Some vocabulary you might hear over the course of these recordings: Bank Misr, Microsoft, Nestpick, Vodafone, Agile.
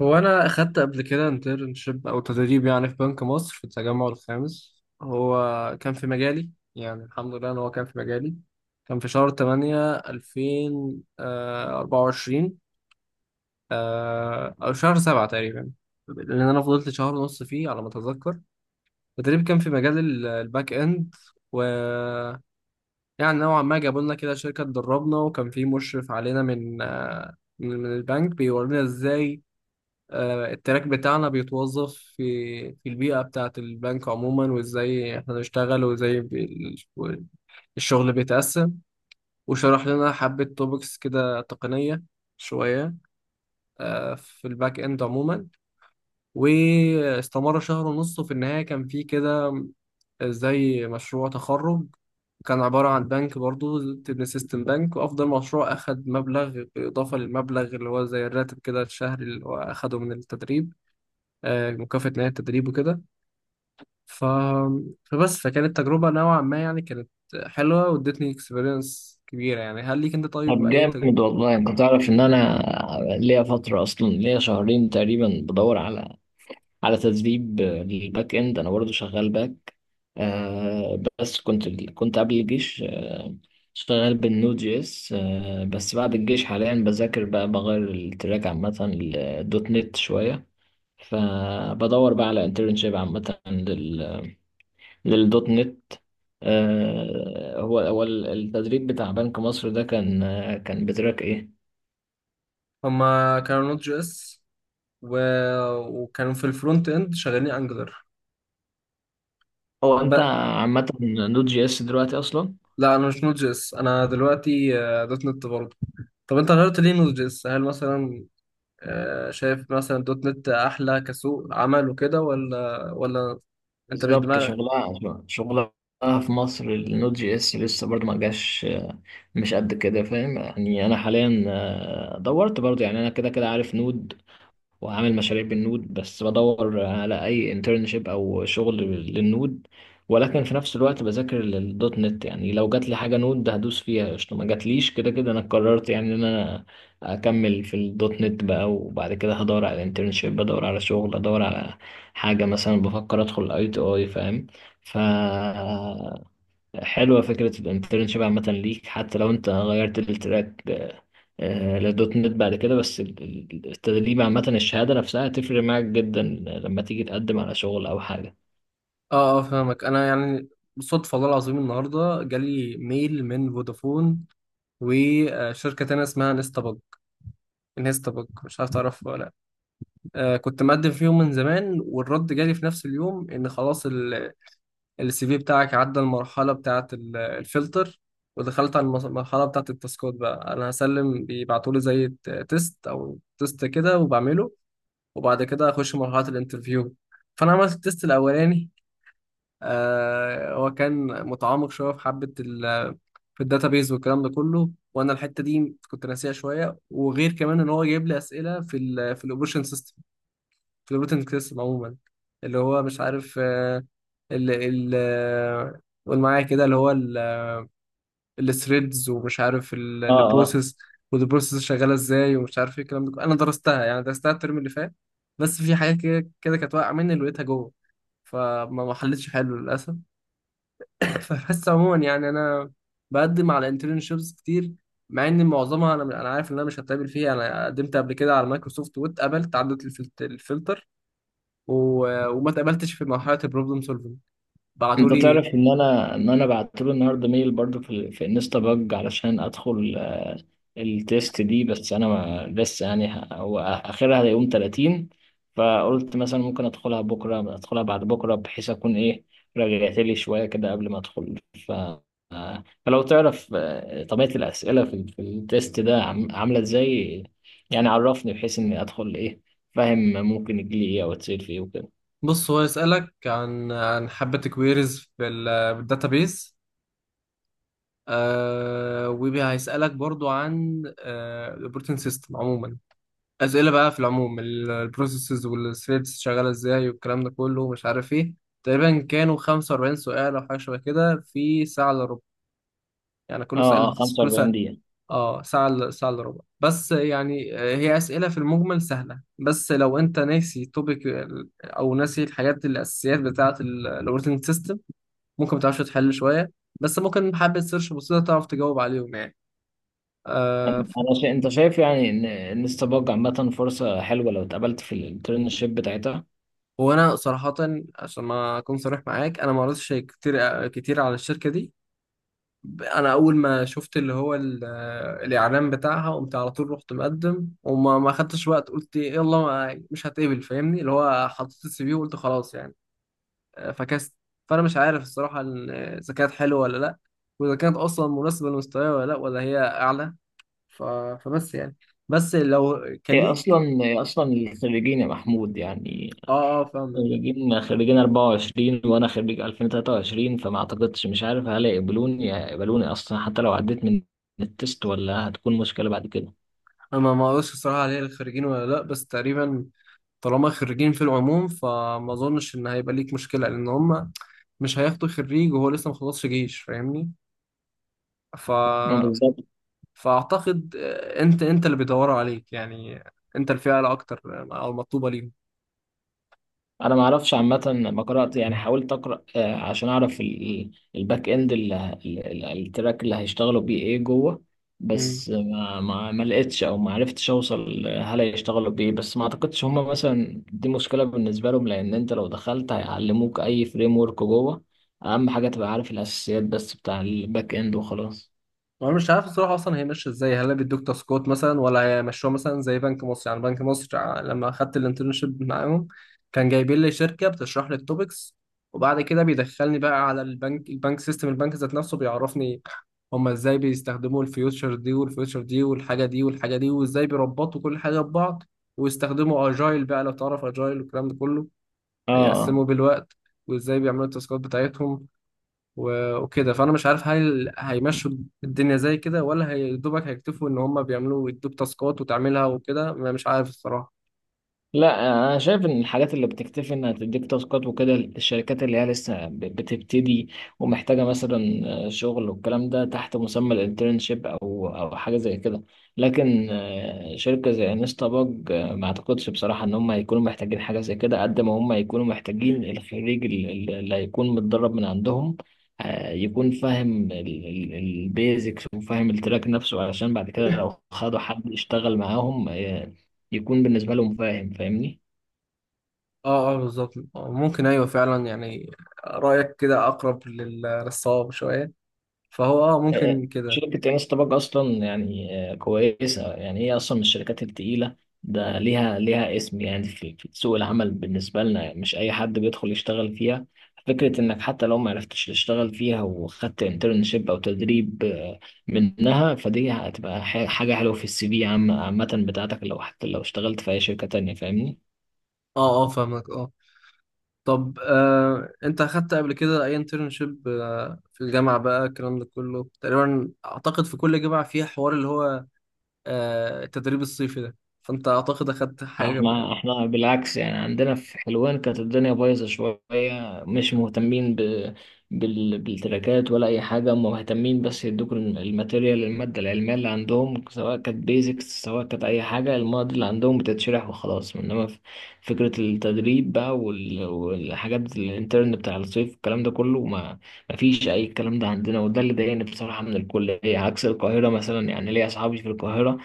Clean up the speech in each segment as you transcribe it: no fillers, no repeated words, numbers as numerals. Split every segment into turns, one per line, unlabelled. هو انا اخدت قبل كده انترنشيب او تدريب، يعني في بنك مصر في التجمع الخامس. هو كان في مجالي، يعني الحمد لله ان هو كان في مجالي. كان في شهر 8 2024، او شهر 7 تقريبا، لان انا فضلت شهر ونص فيه على ما اتذكر. التدريب كان في مجال الباك اند. و يعني نوعا ما جابوا لنا كده شركه تدربنا، وكان في مشرف علينا من البنك بيورينا ازاي التراك بتاعنا بيتوظف في البيئة بتاعة البنك عموما، وازاي احنا بنشتغل، وازاي ال- الشغل بيتقسم. وشرح لنا حبة توبكس كده تقنية شوية، في الباك اند عموما. واستمر شهر ونص، وفي النهاية كان في كده زي مشروع تخرج. كان عبارة عن بنك برضو، تبني سيستم بنك، وأفضل مشروع أخد مبلغ بالإضافة للمبلغ اللي هو زي الراتب كده الشهري اللي هو أخده من التدريب، مكافأة نهاية التدريب وكده. ف... فبس، فكانت تجربة نوعا ما، يعني كانت حلوة وادتني اكسبيرينس كبيرة. يعني هل ليك انت، طيب،
طب
اي.
جامد والله، انت تعرف ان انا ليا فتره اصلا، ليا شهرين تقريبا بدور على تدريب للباك اند. انا برضو شغال باك، بس كنت قبل الجيش. شغال بالنود جي اس. بس بعد الجيش حاليا بذاكر بقى، بغير التراك عامه للدوت نت شويه. فبدور بقى على انترنشيب عامه، للدوت نت. هو التدريب بتاع بنك مصر ده كان، بتراك ايه؟
هما كانوا نوت جي اس و... وكانوا في الفرونت اند شغالين انجلر.
هو
ب...
انت عامة نود جي اس دلوقتي اصلا؟
لا، انا مش نوت جي اس، انا دلوقتي دوت نت برضه. طب انت غيرت ليه نوت جي اس؟ هل مثلا شايف مثلا دوت نت احلى كسوق عمل وكده، ولا؟ انت مش
بالظبط.
دماغ.
شغلها في مصر، النود جي اس لسه برضه ما جاش. مش قد كده، فاهم؟ يعني انا حاليا دورت برضه، يعني انا كده كده عارف نود وعامل مشاريع بالنود، بس بدور على اي انترنشيب او شغل للنود. ولكن في نفس الوقت بذاكر للدوت نت، يعني لو جات لي حاجه نود هدوس فيها قشطه، ما جاتليش كده كده انا قررت يعني ان انا اكمل في الدوت نت بقى. وبعد كده هدور على انترنشيب، بدور على شغل، ادور على حاجه، مثلا بفكر ادخل اي تي اي، فاهم؟ ف حلوة فكرة الانترنشيب عامة ليك، حتى لو انت غيرت التراك لدوت نت بعد كده. بس التدريب عامة، الشهادة نفسها هتفرق معاك جدا لما تيجي تقدم على شغل أو حاجة.
اه اه فاهمك، انا يعني صدفة والله العظيم النهاردة جالي ميل من فودافون وشركة تانية اسمها نستبج. نستبج، مش عارف تعرفها ولا لا؟ آه، كنت مقدم فيهم من زمان، والرد جالي في نفس اليوم ان خلاص، السي في بتاعك عدى المرحلة بتاعة الفلتر، ودخلت على المرحلة بتاعة التاسكات. بقى انا هسلم، بيبعتولي زي تيست او تيست كده وبعمله، وبعد كده اخش مرحلة الانترفيو. فانا عملت التيست الاولاني، هو كان متعمق شويه في حبه في الداتابيز والكلام ده كله، وانا الحته دي كنت ناسيها شويه، وغير كمان ان هو جايب لي اسئله في الاوبريشن سيستم، في الاوبريشن سيستم عموما، اللي هو مش عارف آه، ال ال آه، قول معايا كده اللي هو الثريدز، ومش عارف
اه،
البروسيس، والبروسيس شغاله ازاي، ومش عارف ايه الكلام ده كله. انا درستها، يعني درستها الترم اللي فات، بس في حاجات كده كده كانت واقعه مني اللي لقيتها جوه، فما ما حلتش حلو للاسف. فبس عموما، يعني انا بقدم على انترنشيبس كتير، مع ان معظمها انا عارف ان انا مش هتقابل فيها. انا قدمت قبل كده على مايكروسوفت واتقبلت، عدت الفلتر، وما اتقبلتش في مرحله البروبلم سولفنج، بعتوا
انت
لي.
تعرف ان انا بعت له النهارده ميل برضو في في انستا باج علشان ادخل التيست دي. بس انا ما لسه يعني، هو اخرها يوم 30. فقلت مثلا ممكن ادخلها بكره، ادخلها بعد بكره، بحيث اكون ايه، رجعت لي شويه كده قبل ما ادخل. ف آه، فلو تعرف طبيعه الاسئله في في التيست ده عامله ازاي. يعني عرفني بحيث اني ادخل ايه، فاهم ممكن يجي لي ايه او اتسال في ايه وكده.
بص، هو يسالك عن حبه كويريز في الداتابيس، آه، وهيسالك برضو عن الاوبريتنج سيستم عموما. اسئله بقى في العموم، البروسيسز والثريدز شغاله ازاي، والكلام ده كله ومش عارف ايه. تقريبا كانوا 45 سؤال او حاجه شبه كده في ساعه الا ربع. يعني
اه
كل
اه،
سؤال كل
45
سؤال،
دقيقه.
اه، ساعه الا ربع، بس يعني هي اسئله في المجمل سهله، بس لو انت ناسي توبيك او ناسي الحاجات الاساسيات بتاعه الاوبريتنج سيستم، ممكن ما تعرفش تحل شويه، بس ممكن بحبه سيرش بسيطه تعرف تجاوب عليهم يعني. آه،
انا انت شايف يعني ان انستا باج عامه فرصه حلوه لو اتقبلت في الانترنشيب بتاعتها؟
وانا صراحه، عشان ما اكون صريح معاك، انا ما قريتش كتير كتير على الشركه دي. انا اول ما شفت اللي هو الاعلان بتاعها، قمت على طول رحت مقدم، وما ما خدتش وقت، قلت إيه، يلا، مش هتقبل، فاهمني، اللي هو حطيت السي في وقلت خلاص يعني. فكست، فانا مش عارف الصراحه اذا كانت حلوه ولا لا، واذا كانت اصلا مناسبه لمستواي ولا لا، ولا هي اعلى. ف... فبس يعني، بس لو
هي
كليك.
اصلا هي اصلا الخريجين يا محمود، يعني
اه اه فاهمك.
خريجين 24 وانا خريج 2023، فما اعتقدش، مش عارف هل يقبلوني، يقبلوني اصلا حتى لو عديت من التست، ولا هتكون مشكله بعد كده.
انا ما اقولش الصراحه عليها الخريجين ولا لا، بس تقريبا طالما خريجين في العموم فما اظنش ان هيبقى ليك مشكله، لان هم مش هياخدوا خريج وهو لسه ما خلصش جيش، فاهمني. ف...
ما بالظبط.
فاعتقد انت اللي بيدوروا عليك، يعني انت الفئه الاكتر، او المطلوبه
انا ما اعرفش عامه، ما قرات يعني، حاولت اقرا عشان اعرف الباك اند التراك اللي هيشتغلوا بيه ايه جوه.
ليهم.
بس ما لقيتش او ما عرفتش اوصل هل هيشتغلوا بايه. بس ما اعتقدش هما مثلا دي مشكله بالنسبه لهم، لان انت لو دخلت هيعلموك اي فريم ورك جوه. اهم حاجه تبقى عارف الاساسيات بس بتاع الباك اند وخلاص.
انا مش عارف الصراحه اصلا هي ماشيه ازاي. هل بيدوك تاسكات مثلا، ولا هيمشوها مثلا زي بنك مصر؟ يعني بنك مصر، لما اخدت الانترنشيب معاهم، كان جايبين لي شركه بتشرح لي التوبكس، وبعد كده بيدخلني بقى على البنك، البنك سيستم، البنك ذات نفسه بيعرفني هما ازاي بيستخدموا الفيوتشر دي والفيوتشر دي، والحاجه دي والحاجه دي، وازاي بيربطوا كل حاجه ببعض، ويستخدموا اجايل بقى لو تعرف اجايل والكلام ده كله،
اه.
هيقسموا بالوقت، وازاي بيعملوا التاسكات بتاعتهم وكده. فانا مش عارف هل هيمشوا الدنيا زي كده، ولا هيدوبك هيكتفوا ان هم بيعملوا يدوك تاسكات وتعملها وكده. مش عارف الصراحه.
لا، انا شايف ان الحاجات اللي بتكتفي انها تديك تاسكات وكده، الشركات اللي هي لسه بتبتدي ومحتاجه مثلا شغل والكلام ده تحت مسمى الانترنشيب او او حاجه زي كده. لكن شركه زي انستا باج، ما اعتقدش بصراحه ان هم هيكونوا محتاجين حاجه زي كده، قد ما هم هيكونوا محتاجين الخريج اللي هيكون متدرب من عندهم، يكون فاهم البيزكس وفاهم التراك نفسه، علشان بعد كده لو خدوا حد يشتغل معاهم يكون بالنسبة لهم فاهم، فاهمني.
اه اه بالظبط، ممكن، ايوه فعلا يعني، رايك كده اقرب للصواب شويه، فهو اه ممكن كده.
شركة انس طبق اصلا يعني كويسة، يعني هي اصلا من الشركات التقيلة. ده ليها اسم يعني في سوق العمل بالنسبة لنا، يعني مش اي حد بيدخل يشتغل فيها. فكرة انك حتى لو ما عرفتش تشتغل فيها وخدت انترنشيب او تدريب منها، فدي هتبقى حاجة حلوة في السي في عامة بتاعتك، لو حتى لو اشتغلت في اي شركة تانية، فاهمني.
اه اه فاهمك، اه. طب انت اخدت قبل كده اي انترنشيب في الجامعه بقى؟ الكلام ده كله تقريبا اعتقد في كل جامعه فيها حوار اللي هو التدريب الصيفي ده، فانت اعتقد اخدت حاجه.
احنا بالعكس يعني، عندنا في حلوان كانت الدنيا بايظه شويه، مش مهتمين بالتراكات ولا اي حاجه. هم مهتمين بس يدوك الماتيريال، الماده العلميه اللي عندهم، سواء كانت بيزكس سواء كانت اي حاجه، المواد اللي عندهم بتتشرح وخلاص. انما فكره التدريب بقى والحاجات الانترن بتاع الصيف الكلام ده كله، ما فيش اي الكلام ده عندنا. وده اللي ضايقني بصراحه من الكليه، عكس القاهره مثلا. يعني ليا اصحابي في القاهره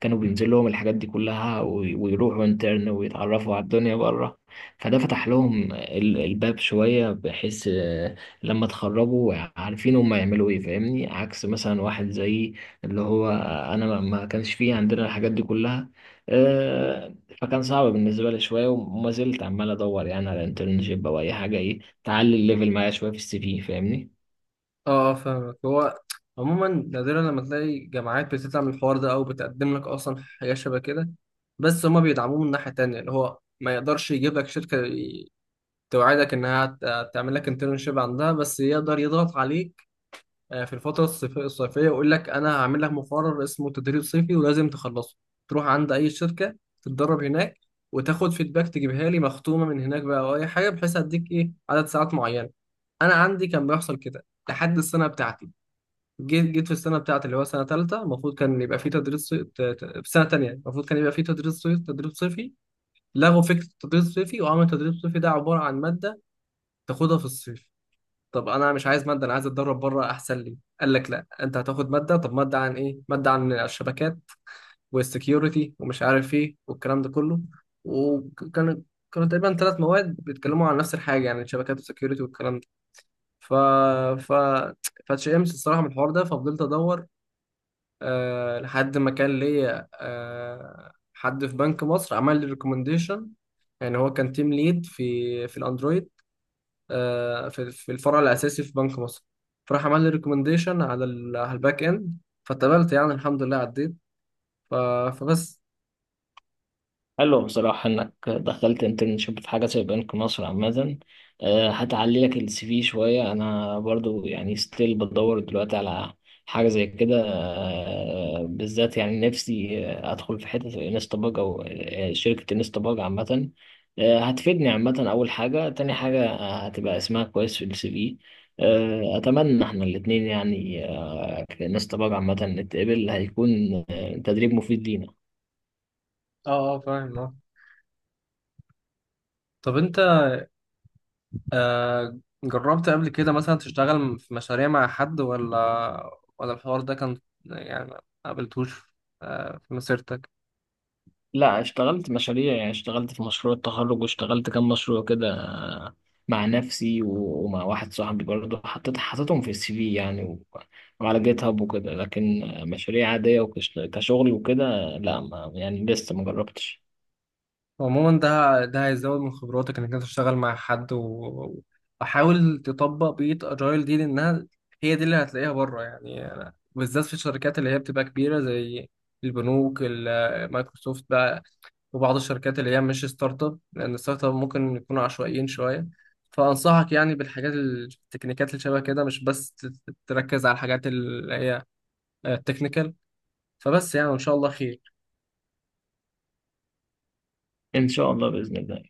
كانوا بينزل لهم الحاجات دي كلها ويروحوا انترن ويتعرفوا على الدنيا بره. فده فتح لهم الباب شوية، بحيث لما اتخرجوا عارفين هم يعملوا ايه، فاهمني. عكس مثلا واحد زي اللي هو انا، ما ما كانش فيه عندنا الحاجات دي كلها. آه، فكان صعب بالنسبة لي شوية، وما زلت عمال ادور يعني على انترنشيب او اي حاجة ايه تعلي الليفل معايا شوية في السي في، فاهمني.
اه فاهمك. هو عموما نادرا لما تلاقي جامعات بتطلع من الحوار ده او بتقدم لك اصلا حاجه شبه كده، بس هما بيدعموه من ناحيه تانية اللي هو ما يقدرش يجيب لك شركه توعدك انها تعمل لك انترنشيب عندها، بس يقدر يضغط عليك في الفتره الصيفيه، ويقول لك انا هعمل لك مقرر اسمه تدريب صيفي ولازم تخلصه، تروح عند اي شركه تتدرب هناك، وتاخد فيدباك تجيبها لي مختومه من هناك بقى او اي حاجه، بحيث اديك ايه عدد ساعات معينه. انا عندي كان بيحصل كده لحد السنه بتاعتي. جيت في السنه بتاعتي اللي هو سنه ثالثه. المفروض كان يبقى في تدريس صي- ت- ت- في سنه ثانيه المفروض كان يبقى في تدريس صيف، تدريس صيفي. لغوا فكره التدريس الصيفي، وعملوا التدريس الصيفي ده عباره عن ماده تاخدها في الصيف. طب انا مش عايز ماده، انا عايز اتدرب بره، احسن لي. قال لك لا، انت هتاخد ماده. طب ماده عن ايه؟ ماده عن الشبكات والسكيورتي ومش عارف ايه والكلام ده كله، وكان كانوا تقريبا ثلاث مواد بيتكلموا عن نفس الحاجه، يعني الشبكات والسكيورتي والكلام ده. ف ف فاتشئمت الصراحه من الحوار ده، ففضلت ادور لحد ما كان ليا حد في بنك مصر عمل لي ريكومنديشن. يعني هو كان تيم ليد في الاندرويد، في الفرع الاساسي في بنك مصر، فراح عمل لي ريكومنديشن على على الباك اند، فاتقبلت يعني الحمد لله، عديت. ف- فبس.
حلو بصراحة إنك دخلت انترنشيب في حاجة زي بنك مصر عامة. هتعلي لك السي في شوية. أنا برضو يعني ستيل بدور دلوقتي على حاجة زي كده بالذات، يعني نفسي أدخل في حتة انستا باج أو شركة انستا باج عامة. هتفيدني عامة أول حاجة. تاني حاجة هتبقى اسمها كويس في السي في. أتمنى إحنا الاتنين يعني كانستا باج عامة نتقبل، هيكون تدريب مفيد لينا.
اه اه فاهم اه. طب انت آه جربت قبل كده مثلا تشتغل في مشاريع مع حد، ولا ولا الحوار ده كان يعني ما قابلتوش في مسيرتك؟
لا، اشتغلت مشاريع يعني، اشتغلت في مشروع التخرج، واشتغلت كام مشروع كده مع نفسي ومع واحد صاحبي برضه، حطيتهم في السي في يعني وعلى جيت هاب وكده. لكن مشاريع عادية وكشغل وكده، لا ما يعني لسه ما جربتش.
عموما، ده هيزود من خبراتك انك انت تشتغل مع حد، وحاول تطبق بيئة اجايل دي، لانها هي دي اللي هتلاقيها بره. يعني أنا- بالذات في الشركات اللي هي بتبقى كبيرة زي البنوك، مايكروسوفت بقى، وبعض الشركات اللي هي مش ستارت اب، لان الستارت اب ممكن يكونوا عشوائيين شوية. فانصحك يعني بالحاجات التكنيكات اللي شبه كده، مش بس تركز على الحاجات اللي هي التكنيكال. فبس يعني، ان شاء الله خير.
ان شاء الله بإذن الله.